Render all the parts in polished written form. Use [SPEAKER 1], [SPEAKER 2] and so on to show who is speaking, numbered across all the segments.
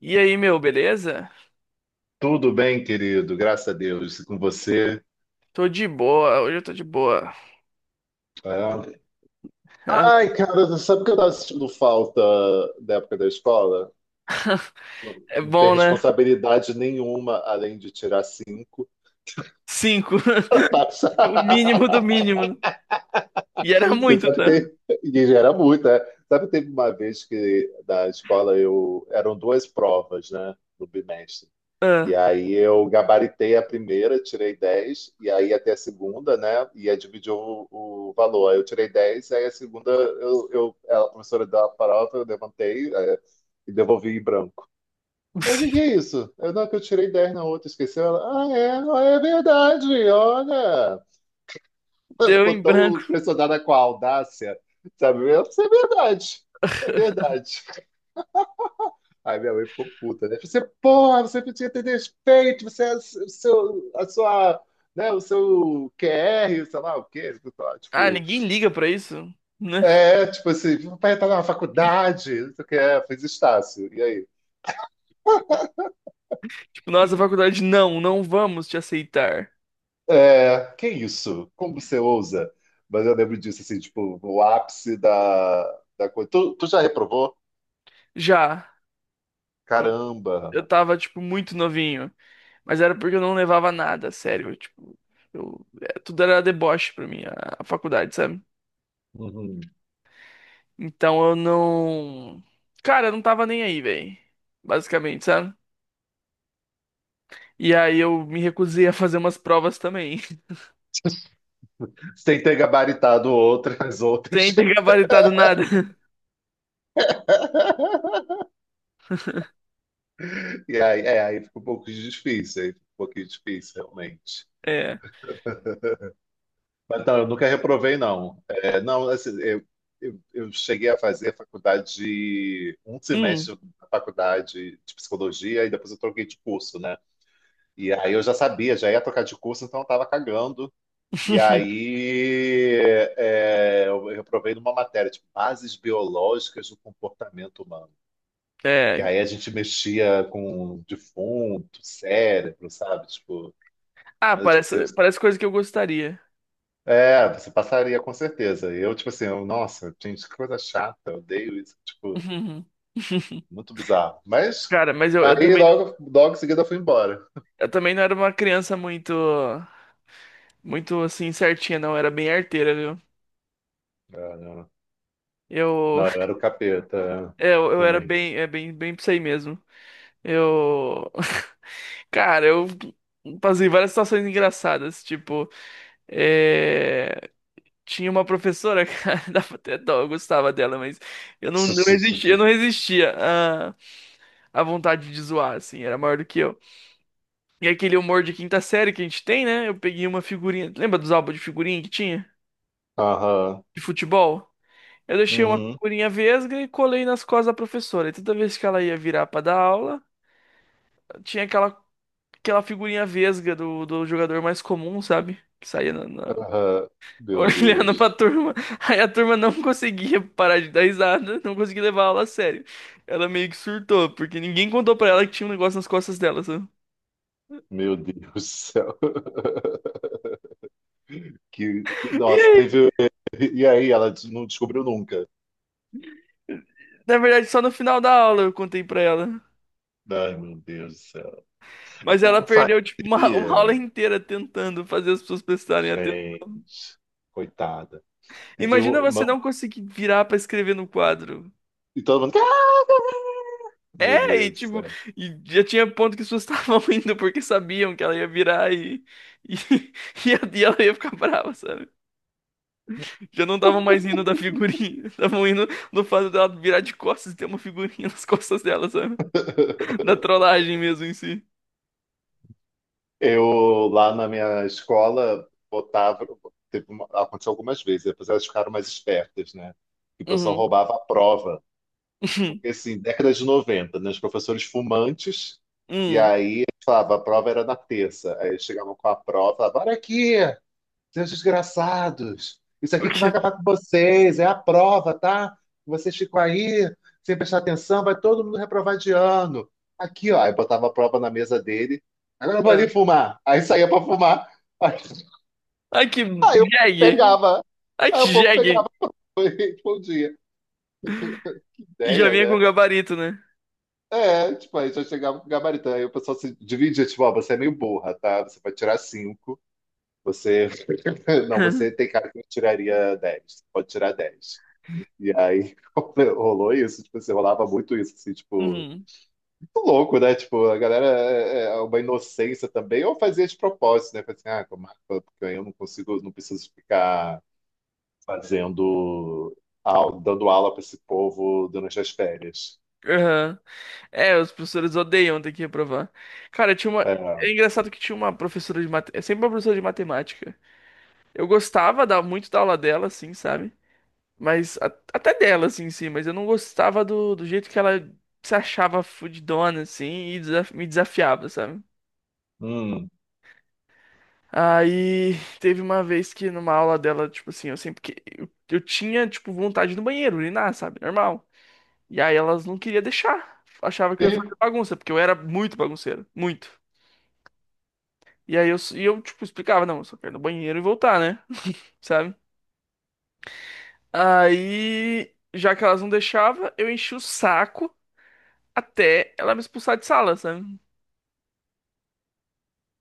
[SPEAKER 1] E aí, meu, beleza?
[SPEAKER 2] Tudo bem, querido, graças a Deus. E com você?
[SPEAKER 1] Tô de boa, hoje eu tô de boa.
[SPEAKER 2] É. Ai, cara, você sabe que eu tava sentindo falta da época da escola? Não
[SPEAKER 1] É
[SPEAKER 2] não ter
[SPEAKER 1] bom, né?
[SPEAKER 2] responsabilidade nenhuma além de tirar cinco.
[SPEAKER 1] Cinco.
[SPEAKER 2] Passa.
[SPEAKER 1] O mínimo do mínimo, né? E era
[SPEAKER 2] Você
[SPEAKER 1] muito,
[SPEAKER 2] sabe que
[SPEAKER 1] tá?
[SPEAKER 2] tem. E gera muito, né? Sabe que teve uma vez que da escola eu. Eram duas provas, né? No bimestre. E
[SPEAKER 1] Ah.
[SPEAKER 2] aí eu gabaritei a primeira, tirei 10 e aí até a segunda, né? Ia dividir o valor. Aí eu tirei 10 aí a segunda, a professora da farofa, eu levantei e devolvi em branco. Mas o que é isso? Eu, não, é que eu tirei 10 na outra, esqueceu? Ela, ah, é verdade, olha.
[SPEAKER 1] Deu
[SPEAKER 2] Ficou
[SPEAKER 1] em
[SPEAKER 2] tão
[SPEAKER 1] branco.
[SPEAKER 2] impressionada com a audácia, sabe? Eu, isso é verdade, é verdade. Aí minha mãe ficou puta, né? Você, porra, você precisa ter respeito, você é o seu, a sua, né, o seu QR, sei lá o quê, tipo,
[SPEAKER 1] Ah,
[SPEAKER 2] tipo,
[SPEAKER 1] ninguém liga pra isso, né?
[SPEAKER 2] é, tipo assim, meu pai tá na faculdade, não sei o que é, fez Estácio, e aí?
[SPEAKER 1] Tipo, nossa faculdade, não vamos te aceitar.
[SPEAKER 2] É, que isso? Como você ousa? Mas eu lembro disso, assim, tipo, no ápice da coisa. Tu já reprovou?
[SPEAKER 1] Já, quando
[SPEAKER 2] Caramba!
[SPEAKER 1] eu tava, tipo, muito novinho. Mas era porque eu não levava nada, sério. Tipo, é, tudo era deboche pra mim, a faculdade, sabe?
[SPEAKER 2] Uhum.
[SPEAKER 1] Então eu não. Cara, eu não tava nem aí, velho. Basicamente, sabe? E aí eu me recusei a fazer umas provas também.
[SPEAKER 2] Sem ter gabaritado outras,
[SPEAKER 1] Sem
[SPEAKER 2] outras.
[SPEAKER 1] ter gabaritado nada.
[SPEAKER 2] E aí, é, aí fica um pouco difícil, aí fica um pouquinho difícil, realmente.
[SPEAKER 1] É.
[SPEAKER 2] Mas não, eu nunca reprovei, não. É, não, assim, eu cheguei a fazer faculdade de um
[SPEAKER 1] Hum.
[SPEAKER 2] semestre na faculdade de psicologia e depois eu troquei de curso, né? E aí eu já sabia, já ia trocar de curso, então eu tava cagando. E aí eu reprovei numa matéria, tipo, bases biológicas do comportamento humano. Que
[SPEAKER 1] É.
[SPEAKER 2] aí a gente mexia com defunto, cérebro, sabe? Tipo,
[SPEAKER 1] Ah,
[SPEAKER 2] mas, tipo, eu
[SPEAKER 1] parece, parece coisa que eu gostaria.
[SPEAKER 2] é, você passaria com certeza. E eu, tipo assim, eu, nossa, gente, que coisa chata, eu odeio isso, tipo, muito bizarro. Mas
[SPEAKER 1] Cara, mas eu
[SPEAKER 2] aí
[SPEAKER 1] também,
[SPEAKER 2] logo em seguida eu fui embora.
[SPEAKER 1] eu também não era uma criança muito, muito assim certinha, não. Eu era bem arteira, viu?
[SPEAKER 2] É, não,
[SPEAKER 1] Eu,
[SPEAKER 2] não, eu era o capeta
[SPEAKER 1] é, eu era
[SPEAKER 2] também.
[SPEAKER 1] bem, é bem, bem pra isso aí mesmo. Eu. Cara, eu passei várias situações engraçadas. Tipo, é, tinha uma professora, cara, dava até dó, eu gostava dela, mas eu não resistia, eu não resistia à, à vontade de zoar, assim, era maior do que eu. E aquele humor de quinta série que a gente tem, né? Eu peguei uma figurinha. Lembra dos álbuns de figurinha que tinha?
[SPEAKER 2] Aham,
[SPEAKER 1] De futebol? Eu deixei uma
[SPEAKER 2] uhum,
[SPEAKER 1] figurinha vesga e colei nas costas da professora. E toda vez que ela ia virar pra dar aula, tinha aquela aquela figurinha vesga do jogador mais comum, sabe? Que saía
[SPEAKER 2] aham. Meu
[SPEAKER 1] olhando pra
[SPEAKER 2] Deus,
[SPEAKER 1] turma. Aí a turma não conseguia parar de dar risada, não conseguia levar a aula a sério. Ela meio que surtou, porque ninguém contou pra ela que tinha um negócio nas costas dela, sabe?
[SPEAKER 2] meu Deus do céu. Que,
[SPEAKER 1] E
[SPEAKER 2] nossa,
[SPEAKER 1] aí?
[SPEAKER 2] teve. E aí, ela não descobriu nunca.
[SPEAKER 1] Na verdade, só no final da aula eu contei pra ela.
[SPEAKER 2] Ai, meu Deus do céu.
[SPEAKER 1] Mas ela
[SPEAKER 2] Como
[SPEAKER 1] perdeu, tipo, uma, uma aula
[SPEAKER 2] fazia?
[SPEAKER 1] inteira tentando fazer as pessoas prestarem atenção.
[SPEAKER 2] Gente, coitada. Teve
[SPEAKER 1] Imagina você
[SPEAKER 2] uma...
[SPEAKER 1] não conseguir virar pra escrever no quadro.
[SPEAKER 2] E todo mundo meu
[SPEAKER 1] É, e
[SPEAKER 2] Deus do
[SPEAKER 1] tipo,
[SPEAKER 2] céu.
[SPEAKER 1] e já tinha ponto que as pessoas estavam indo porque sabiam que ela ia virar e, e ela ia ficar brava, sabe? Já não estavam mais indo da figurinha, estavam indo no fato dela virar de costas e ter uma figurinha nas costas dela, sabe? Da trollagem mesmo em si.
[SPEAKER 2] Eu, lá na minha escola, botava. Teve uma- aconteceu algumas vezes, depois elas ficaram mais espertas, né? Que o pessoal
[SPEAKER 1] Uhum.
[SPEAKER 2] roubava a prova. Porque, assim, década de 90 né? Os professores fumantes, e
[SPEAKER 1] Hum,
[SPEAKER 2] aí falava, a prova era na terça. Aí eles chegavam com a prova, falavam, olha aqui! Seus desgraçados, isso
[SPEAKER 1] o
[SPEAKER 2] aqui que vai
[SPEAKER 1] quê?
[SPEAKER 2] acabar com vocês, é a prova, tá? Vocês ficam aí sem prestar atenção, vai todo mundo reprovar de ano. Aqui, ó, aí botava a prova na mesa dele. Agora eu vou ali
[SPEAKER 1] Ah.
[SPEAKER 2] fumar. Aí saía pra fumar.
[SPEAKER 1] Ai, que
[SPEAKER 2] Aí eu
[SPEAKER 1] jegue!
[SPEAKER 2] pegava.
[SPEAKER 1] Ai,
[SPEAKER 2] Aí
[SPEAKER 1] que
[SPEAKER 2] o povo
[SPEAKER 1] jegue!
[SPEAKER 2] pegava e respondia.
[SPEAKER 1] E já
[SPEAKER 2] Ideia,
[SPEAKER 1] vinha com
[SPEAKER 2] né?
[SPEAKER 1] gabarito, né?
[SPEAKER 2] É, tipo, aí já chegava com o gabarito. Aí o pessoal se dividia, tipo, ó, você é meio burra, tá? Você vai tirar cinco. Você. Não, você tem cara que tiraria 10, pode tirar 10. E aí rolou isso, tipo, assim, rolava muito isso, assim, tipo,
[SPEAKER 1] Uhum.
[SPEAKER 2] muito louco, né? Tipo, a galera é uma inocência também, ou fazia de propósito, né? Falei assim, ah, como é que eu- porque eu não consigo, não preciso ficar fazendo, au- dando aula para esse povo durante as férias.
[SPEAKER 1] Aham. É, os professores odeiam ter que reprovar. Cara, tinha uma.
[SPEAKER 2] É,
[SPEAKER 1] É engraçado que tinha uma professora de matemática. É sempre uma professora de matemática. Eu gostava da... muito da aula dela, assim, sabe? Mas a- até dela, assim, sim, mas eu não gostava do jeito que ela se achava fudidona, assim, e me desafiava, sabe?
[SPEAKER 2] hum.
[SPEAKER 1] Aí teve uma vez que numa aula dela, tipo assim, eu sempre que eu tinha, tipo, vontade no banheiro, urinar, sabe? Normal. E aí elas não queriam deixar. Achava que
[SPEAKER 2] E,
[SPEAKER 1] eu ia fazer bagunça, porque eu era muito bagunceiro, muito. E aí e eu tipo, explicava, não, eu só quero ir no banheiro e voltar, né? Sabe? Aí, já que elas não deixavam, eu enchi o saco até ela me expulsar de sala, sabe?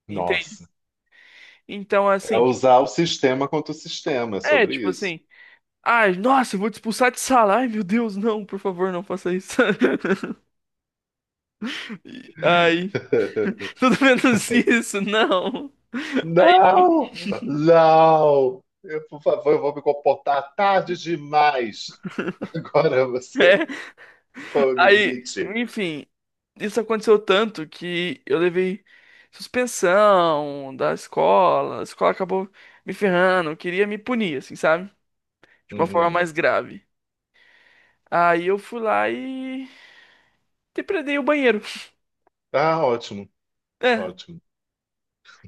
[SPEAKER 1] Entende?
[SPEAKER 2] nossa,
[SPEAKER 1] Então,
[SPEAKER 2] é
[SPEAKER 1] assim, tipo,
[SPEAKER 2] usar o sistema contra o sistema, é
[SPEAKER 1] é, tipo
[SPEAKER 2] sobre isso.
[SPEAKER 1] assim, ai, nossa, eu vou te expulsar de sala. Ai, meu Deus, não, por favor, não faça isso. Ai, tudo menos isso, não. Aí
[SPEAKER 2] Não, não, eu, por favor, eu vou me comportar tarde demais. Agora você
[SPEAKER 1] é.
[SPEAKER 2] foi o
[SPEAKER 1] Aí,
[SPEAKER 2] limite.
[SPEAKER 1] enfim, isso aconteceu tanto que eu levei suspensão da escola, a escola acabou me ferrando, queria me punir, assim, sabe? De uma forma
[SPEAKER 2] Uhum.
[SPEAKER 1] mais grave. Aí eu fui lá e depredei o banheiro.
[SPEAKER 2] Ah, ótimo,
[SPEAKER 1] É,
[SPEAKER 2] ótimo.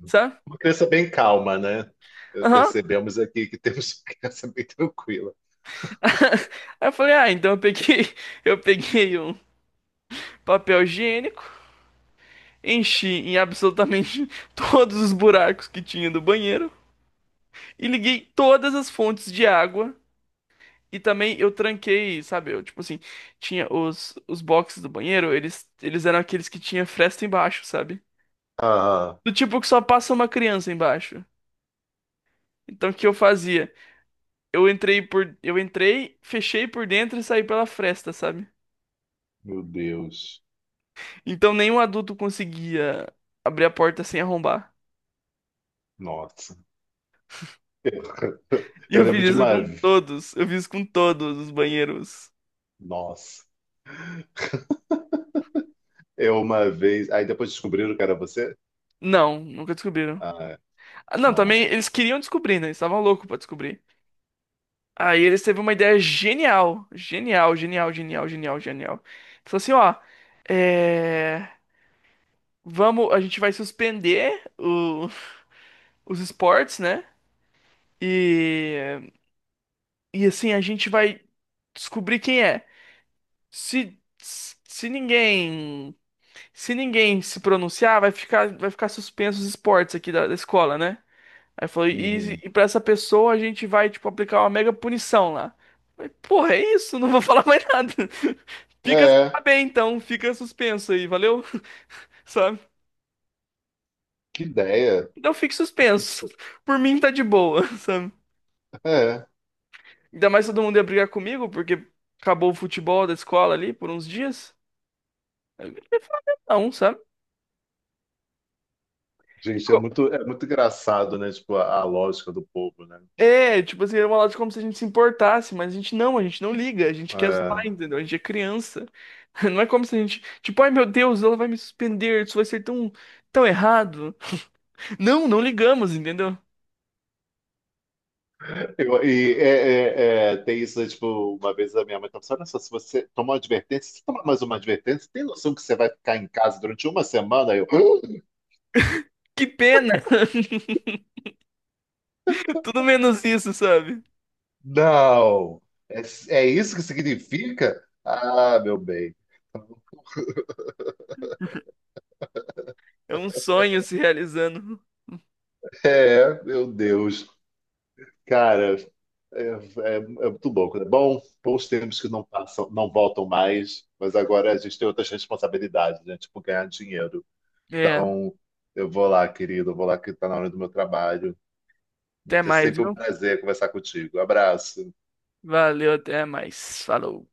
[SPEAKER 1] sabe?
[SPEAKER 2] Uma criança bem calma, né? Eh,
[SPEAKER 1] Aham.
[SPEAKER 2] percebemos aqui que temos uma criança bem tranquila.
[SPEAKER 1] Aí eu falei, ah, então eu peguei, eu peguei um papel higiênico, enchi em absolutamente todos os buracos que tinha do banheiro e liguei todas as fontes de água. E também eu tranquei, sabe? Eu, tipo assim, tinha os boxes do banheiro, eles eram aqueles que tinha fresta embaixo, sabe?
[SPEAKER 2] Ah,
[SPEAKER 1] Do tipo que só passa uma criança embaixo. Então o que eu fazia? Eu entrei eu entrei, fechei por dentro e saí pela fresta, sabe?
[SPEAKER 2] meu Deus.
[SPEAKER 1] Então nenhum adulto conseguia abrir a porta sem arrombar.
[SPEAKER 2] Nossa.
[SPEAKER 1] E
[SPEAKER 2] Eu
[SPEAKER 1] eu fiz
[SPEAKER 2] lembro de
[SPEAKER 1] isso
[SPEAKER 2] uma.
[SPEAKER 1] com todos. Eu fiz com todos os banheiros.
[SPEAKER 2] Nossa. Eu uma vez. Aí depois descobriram que era você?
[SPEAKER 1] Não, nunca descobriram.
[SPEAKER 2] Ah,
[SPEAKER 1] Ah, não,
[SPEAKER 2] bom.
[SPEAKER 1] também eles queriam descobrir, né? Eles estavam loucos pra descobrir. Aí eles teve uma ideia genial, genial, genial, genial, genial, genial. Falou assim, ó, é, vamos, a gente vai suspender o- os esportes, né? E e assim a gente vai descobrir quem é. Se se ninguém se ninguém se pronunciar, vai ficar suspenso os esportes aqui da escola, né? Aí falou,
[SPEAKER 2] Uhum.
[SPEAKER 1] e pra essa pessoa a gente vai, tipo, aplicar uma mega punição lá. Falei, porra, é isso, não vou falar mais nada. Fica tá
[SPEAKER 2] É,
[SPEAKER 1] bem, então, fica suspenso aí, valeu? Sabe?
[SPEAKER 2] que ideia.
[SPEAKER 1] Então fique suspenso. Por mim tá de boa, sabe?
[SPEAKER 2] É.
[SPEAKER 1] Ainda mais todo mundo ia brigar comigo, porque acabou o futebol da escola ali por uns dias. Aí eu não ia falar mesmo não, sabe? E
[SPEAKER 2] Gente,
[SPEAKER 1] co-
[SPEAKER 2] é muito engraçado, né? Tipo, a lógica do povo, né?
[SPEAKER 1] É, tipo assim, era uma lógica como se a gente se importasse, mas a gente não liga, a gente quer
[SPEAKER 2] É.
[SPEAKER 1] zoar, entendeu? A gente é criança. Não é como se a gente, tipo, ai meu Deus, ela vai me suspender, isso vai ser tão, tão errado. Não, não ligamos, entendeu?
[SPEAKER 2] E é, tem isso, né, tipo, uma vez a minha mãe falou assim, olha só, se você tomar uma advertência, se você tomar mais uma advertência, tem noção que você vai ficar em casa durante uma semana? Aí eu, "Ah,
[SPEAKER 1] Que pena! Tudo menos isso, sabe?
[SPEAKER 2] não! É, é isso que significa? Ah, meu bem.
[SPEAKER 1] É um sonho se realizando.
[SPEAKER 2] É, meu Deus. Cara, é muito bom. É bom, bons tempos que não passam, não voltam mais, mas agora a gente tem outras responsabilidades, né? Tipo, ganhar dinheiro.
[SPEAKER 1] É,
[SPEAKER 2] Então, eu vou lá, querido, eu vou lá que tá na hora do meu trabalho. Vai
[SPEAKER 1] até
[SPEAKER 2] ser
[SPEAKER 1] mais,
[SPEAKER 2] sempre um
[SPEAKER 1] viu?
[SPEAKER 2] prazer conversar contigo. Abraço.
[SPEAKER 1] Valeu, até mais. Falou.